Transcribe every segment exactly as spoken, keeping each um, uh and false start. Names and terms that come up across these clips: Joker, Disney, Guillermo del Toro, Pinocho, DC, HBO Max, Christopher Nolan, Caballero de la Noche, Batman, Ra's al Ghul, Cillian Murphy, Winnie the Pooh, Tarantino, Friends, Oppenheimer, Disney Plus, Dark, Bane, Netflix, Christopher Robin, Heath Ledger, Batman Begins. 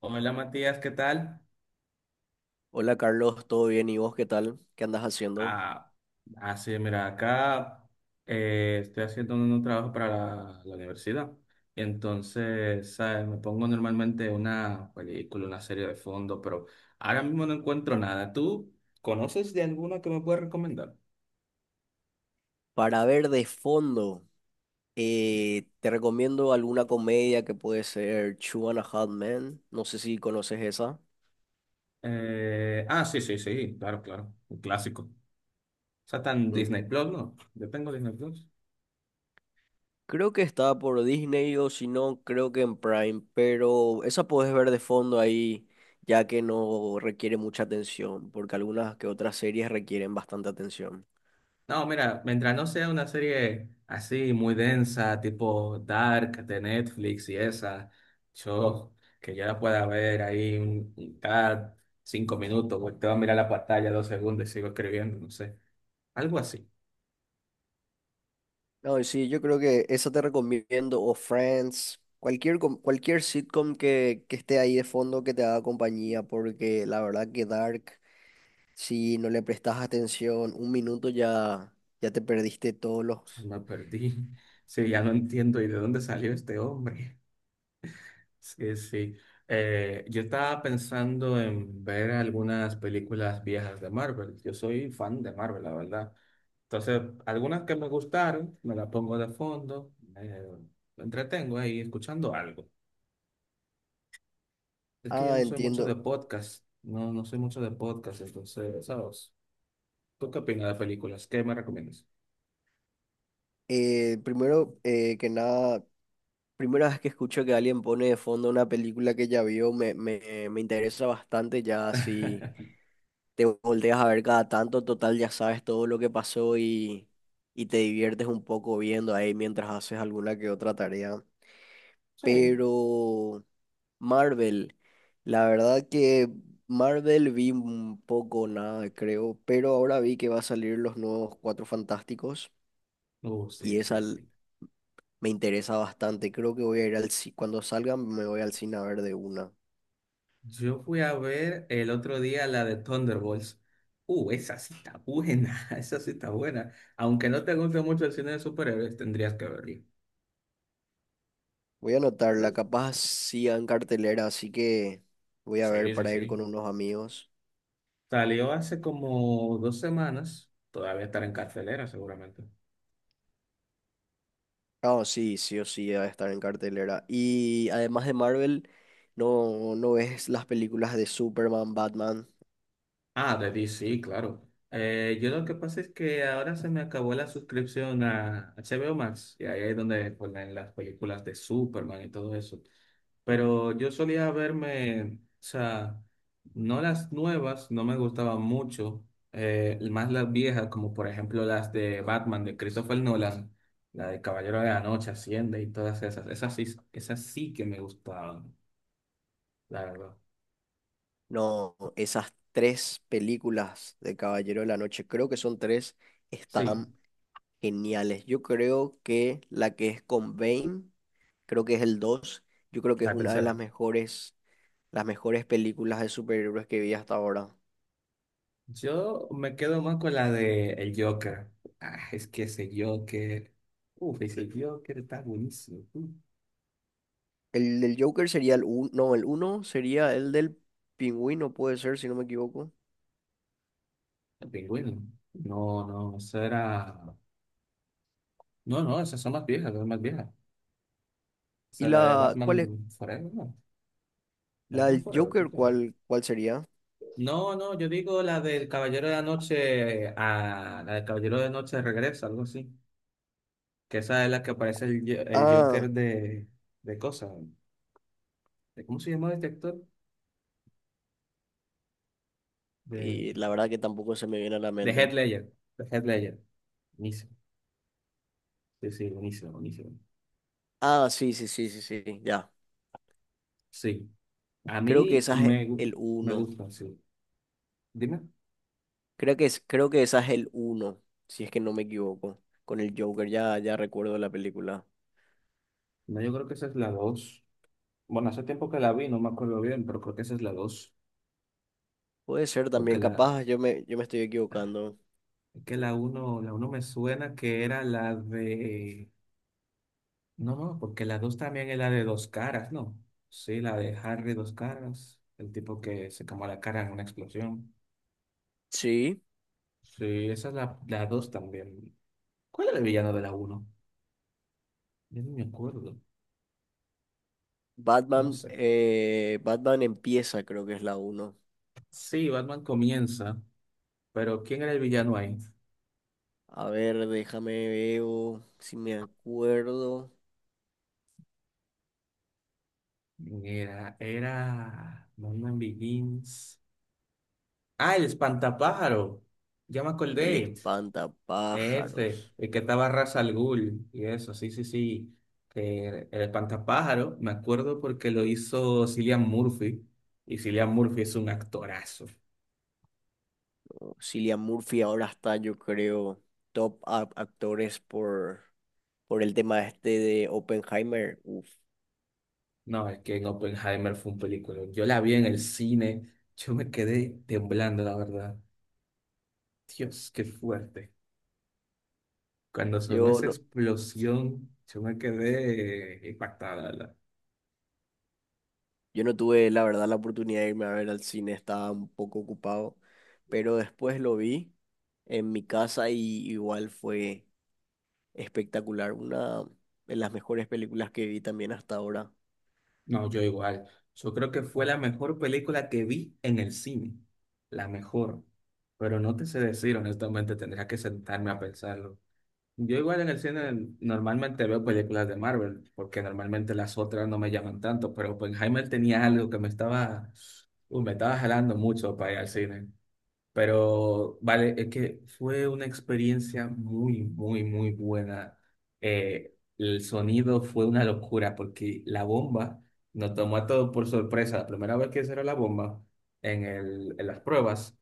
Hola Matías, ¿qué tal? Hola Carlos, ¿todo bien? ¿Y vos qué tal? ¿Qué andas haciendo? Ah, ah, sí, mira, acá eh, estoy haciendo un trabajo para la, la universidad. Y entonces, ¿sabes? Me pongo normalmente una película, una serie de fondo, pero ahora mismo no encuentro nada. ¿Tú conoces de alguna que me puedas recomendar? Para ver de fondo, eh, te recomiendo alguna comedia que puede ser Two and a Half Men. No sé si conoces esa. Eh, ah, sí, sí, sí, claro, claro. Un clásico. O sea, está en Mm. Disney Plus, ¿no? Yo tengo Disney Plus. Creo que está por Disney o si no, creo que en Prime, pero esa puedes ver de fondo ahí, ya que no requiere mucha atención, porque algunas que otras series requieren bastante atención. No, mira, mientras no sea una serie así muy densa, tipo Dark de Netflix y esa, yo que yo la pueda ver ahí un- un- cada cinco minutos, pues te va a mirar la pantalla dos segundos y sigo escribiendo, no sé, algo así. No, sí, yo creo que eso te recomiendo, o Friends, cualquier, com- cualquier sitcom que, que esté ahí de fondo que te haga compañía, porque la verdad que Dark, si no le prestas atención, un minuto ya, ya te perdiste todos O sea, los... me perdí. Sí, ya no entiendo y de dónde salió este hombre. Sí, sí. Eh, yo estaba pensando en ver algunas películas viejas de Marvel. Yo soy fan de Marvel, la verdad. Entonces, algunas que me gustaron, me las pongo de fondo, eh, me entretengo ahí escuchando algo. Es que yo Ah, no soy mucho de entiendo. podcast, no, no soy mucho de podcast, entonces, ¿sabes? ¿Tú qué opinas de películas? ¿Qué me recomiendas? Eh, primero eh, que nada, primera vez que escucho que alguien pone de fondo una película que ya vio, me, me, me interesa bastante ya así te volteas a ver cada tanto, total ya sabes todo lo que pasó y, y te diviertes un poco viendo ahí mientras haces alguna que otra tarea. Sí. Pero Marvel, la verdad que Marvel vi un poco nada, creo, pero ahora vi que va a salir los nuevos Cuatro Fantásticos Uh, y sí, esa sí, sí. l- me interesa bastante. Creo que voy a ir al cine, cuando salgan me voy al cine a ver de una. Yo fui a ver el otro día la de Thunderbolts. Uh, esa sí está buena, esa sí está buena. Aunque no te guste mucho el cine de superhéroes, tendrías que verla. Voy a anotarla, ¿Ves? capaz sigan en cartelera, así que voy a ver Sí, sí, para ir con sí. unos amigos. Salió hace como dos semanas, todavía estará en cartelera seguramente. Ah, sí, sí o sí va a estar en cartelera. Y además de Marvel, no, ¿no ves las películas de Superman, Batman? Ah, de D C, claro. Eh, yo lo que pasa es que ahora se me acabó la suscripción a H B O Max y ahí es donde ponen las películas de Superman y todo eso. Pero yo solía verme, o sea, no las nuevas, no me gustaban mucho, eh, más las viejas, como por ejemplo las de Batman de Christopher Nolan, la de Caballero de la Noche, Hacienda y todas esas. Esas sí, esas sí que me gustaban, la verdad. No, esas tres películas de Caballero de la Noche, creo que son tres, Sí, están geniales. Yo creo que la que es con Bane, creo que es el dos, yo creo que es la una de las tercera. mejores, las mejores películas de superhéroes que vi hasta ahora. Yo me quedo más con la de el Joker. Ah, es que ese Joker. Uf, ese Joker está buenísimo. Uh, El del Joker sería el uno no, el uno sería el del Pingüino, puede ser, si no me equivoco. el pingüino. No, no, eso era. No, no, esas son más viejas, son más viejas. O ¿Y sea, la de la cuál es? Batman Forever, ¿no? La Batman del Forever, ¿tú Joker, quieres? ¿cuál, cuál sería? No, no, yo digo la del Caballero de la Noche. A la del Caballero de la Noche regresa, algo así. Que esa es la que aparece el, Jo- el Ah, Joker de. De cosas. ¿Cómo se llama este actor? De. y la verdad que tampoco se me viene a la De Heath mente. Ledger. De Heath Ledger. Buenísimo. Sí, sí, buenísimo, buenísimo. Ah, sí, sí, sí, sí, sí, ya. Sí, a Creo que mí esa es me, gu- el me uno. gusta, sí. Dime. Creo que es, creo que esa es el uno si es que no me equivoco. Con el Joker, ya, ya recuerdo la película. No, yo creo que esa es la dos. Bueno, hace tiempo que la vi, no me acuerdo bien, pero creo que esa es la dos. Puede ser Porque también, la, capaz yo me, yo me estoy equivocando. que la uno, la uno me suena que era la de... No, no, porque la dos también es la de dos caras, ¿no? Sí, la de Harry dos caras, el tipo que se quemó la cara en una explosión. Sí, Sí, esa es la, la dos también. ¿Cuál era el villano de la uno? Yo no me acuerdo. No Batman, sé. eh, Batman empieza, creo que es la uno. Sí, Batman comienza, pero ¿quién era el villano ahí? A ver, déjame veo si me acuerdo. Era, era Batman Begins. Ah, el espantapájaro. Ya me El acordé. Ese, espantapájaros. el que estaba Ra's al Ghul y eso, sí, sí, sí. Que el espantapájaro, me acuerdo porque lo hizo Cillian Murphy. Y Cillian Murphy es un actorazo. Cillian Murphy ahora está, yo creo, top a- actores por, por el tema este de Oppenheimer. Uf. No, es que en Oppenheimer fue un película. Yo la vi en el cine, yo me quedé temblando, la verdad. Dios, qué fuerte. Cuando sonó Yo esa no, explosión, yo me quedé impactada. la- yo no tuve, la verdad, la oportunidad de irme a ver al cine, estaba un poco ocupado, pero después lo vi en mi casa y igual fue espectacular. Una de las mejores películas que vi también hasta ahora. No, yo igual. Yo creo que fue la mejor película que vi en el cine. La mejor. Pero no te sé decir, honestamente, tendría que sentarme a pensarlo. Yo igual en el cine normalmente veo películas de Marvel, porque normalmente las otras no me llaman tanto, pero Oppenheimer tenía algo que me estaba, uy, me estaba jalando mucho para ir al cine. Pero vale, es que fue una experiencia muy, muy, muy buena. Eh, el sonido fue una locura porque la bomba nos tomó a todos por sorpresa. La primera vez que cerró la bomba en el, en las pruebas,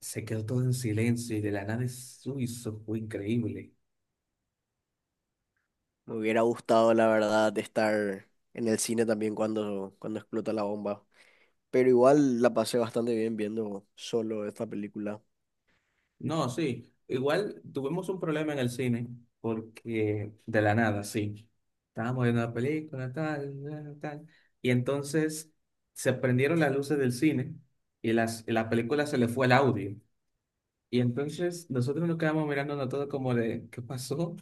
se quedó todo en silencio y de la nada eso fue increíble. Me hubiera gustado, la verdad, estar en el cine también cuando, cuando explota la bomba. Pero igual la pasé bastante bien viendo solo esta película. No, sí. Igual tuvimos un problema en el cine, porque de la nada, sí. Estábamos viendo la película, tal, tal, tal. Y entonces se prendieron las luces del cine y, las, y la película se le fue el audio. Y entonces nosotros nos quedamos mirándonos todo como de, ¿qué pasó?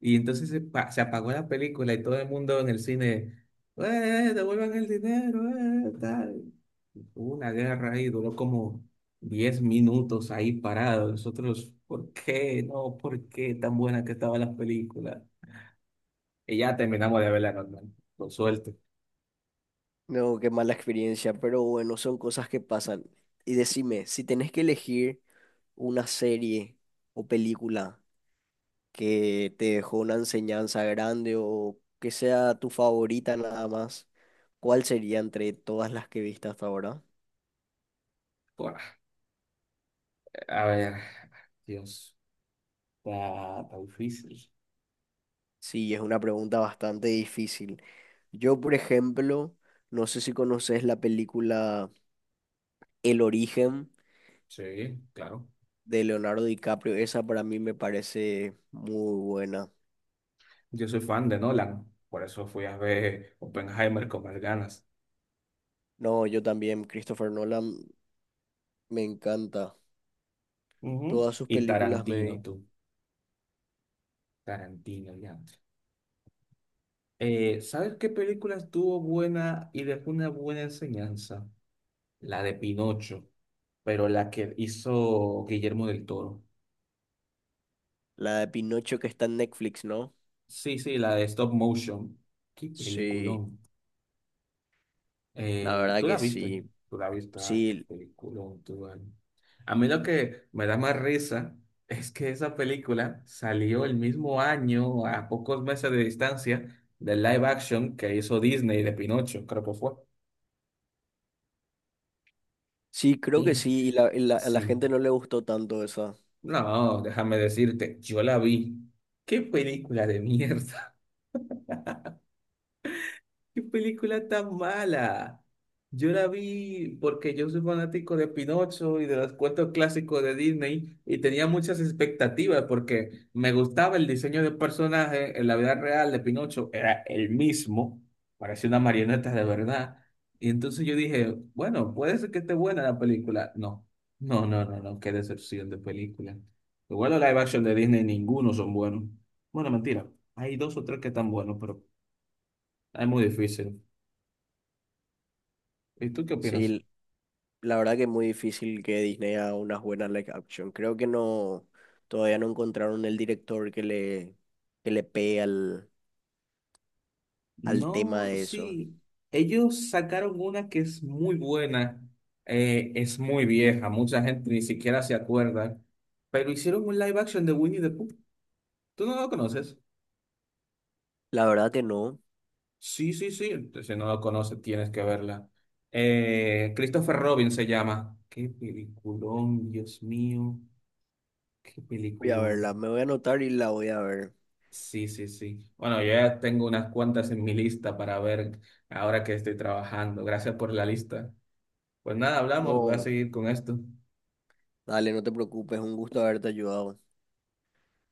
Y entonces se, pa- se apagó la película y todo el mundo en el cine, ¡eh, devuelvan el dinero, eh, tal! Hubo una guerra ahí, duró como diez minutos ahí parado. Nosotros, ¿por qué? No, ¿por qué tan buena que estaba la película? Y ya terminamos de verla normal, con suerte. No, qué mala experiencia, pero bueno, son cosas que pasan. Y decime, si tenés que elegir una serie o película que te dejó una enseñanza grande o que sea tu favorita nada más, ¿cuál sería entre todas las que viste hasta ahora? Buah, a ver, Dios, está, está difícil. Sí, es una pregunta bastante difícil. Yo, por ejemplo, no sé si conoces la película El Origen Sí, claro. de Leonardo DiCaprio, esa para mí me parece muy buena. Yo soy fan de Nolan, por eso fui a ver Oppenheimer con más ganas. No, yo también, Christopher Nolan. Me encanta. Ujú. Todas sus Y películas me Tarantino, vi. tú. Tarantino, ya. Eh, ¿sabes qué película estuvo buena y dejó una buena enseñanza? La de Pinocho, pero la que hizo Guillermo del Toro. ¿La de Pinocho que está en Netflix, no? Sí, sí, la de Stop Motion. Qué Sí, peliculón. la Eh, verdad ¿tú la que viste? sí. Tú la viste, ah, qué Sí, peliculón, tú, vale. A mí lo que me da más risa es que esa película salió el mismo año, a pocos meses de distancia, del live action que hizo Disney de Pinocho, creo que fue. sí, creo que Y- sí. Y la, y la- a la Sí. gente no le gustó tanto esa. No, déjame decirte, yo la vi. Qué película de mierda. ¿Qué película tan mala? Yo la vi porque yo soy fanático de Pinocho y de los cuentos clásicos de Disney y tenía muchas expectativas porque me gustaba el diseño de personaje en la vida real de Pinocho, era el mismo, parecía una marioneta de verdad. Y entonces yo dije, bueno, puede ser que esté buena la película. No, no, no, no, no, qué decepción de película. Igual los live action de Disney, ninguno son buenos. Bueno, mentira, hay dos o tres que están buenos, pero es muy difícil. ¿Y tú qué opinas? Sí, la verdad que es muy difícil que Disney haga unas buenas live action. Creo que no, todavía no encontraron el director que le, que le pegue al, al tema No, de eso. sí. Ellos sacaron una que es muy buena, eh, es muy vieja, mucha gente ni siquiera se acuerda, pero hicieron un live action de Winnie the Pooh. ¿Tú no lo conoces? La verdad que no. Sí, sí, sí. Si no lo conoces, tienes que verla. Eh, Christopher Robin se llama. Qué peliculón, Dios mío. Qué Voy a verla, peliculón. me voy a anotar y la voy a ver. Sí, sí, sí. Bueno, yo ya tengo unas cuantas en mi lista para ver ahora que estoy trabajando. Gracias por la lista. Pues nada, hablamos, voy a No, seguir con esto. dale, no te preocupes, un gusto haberte ayudado.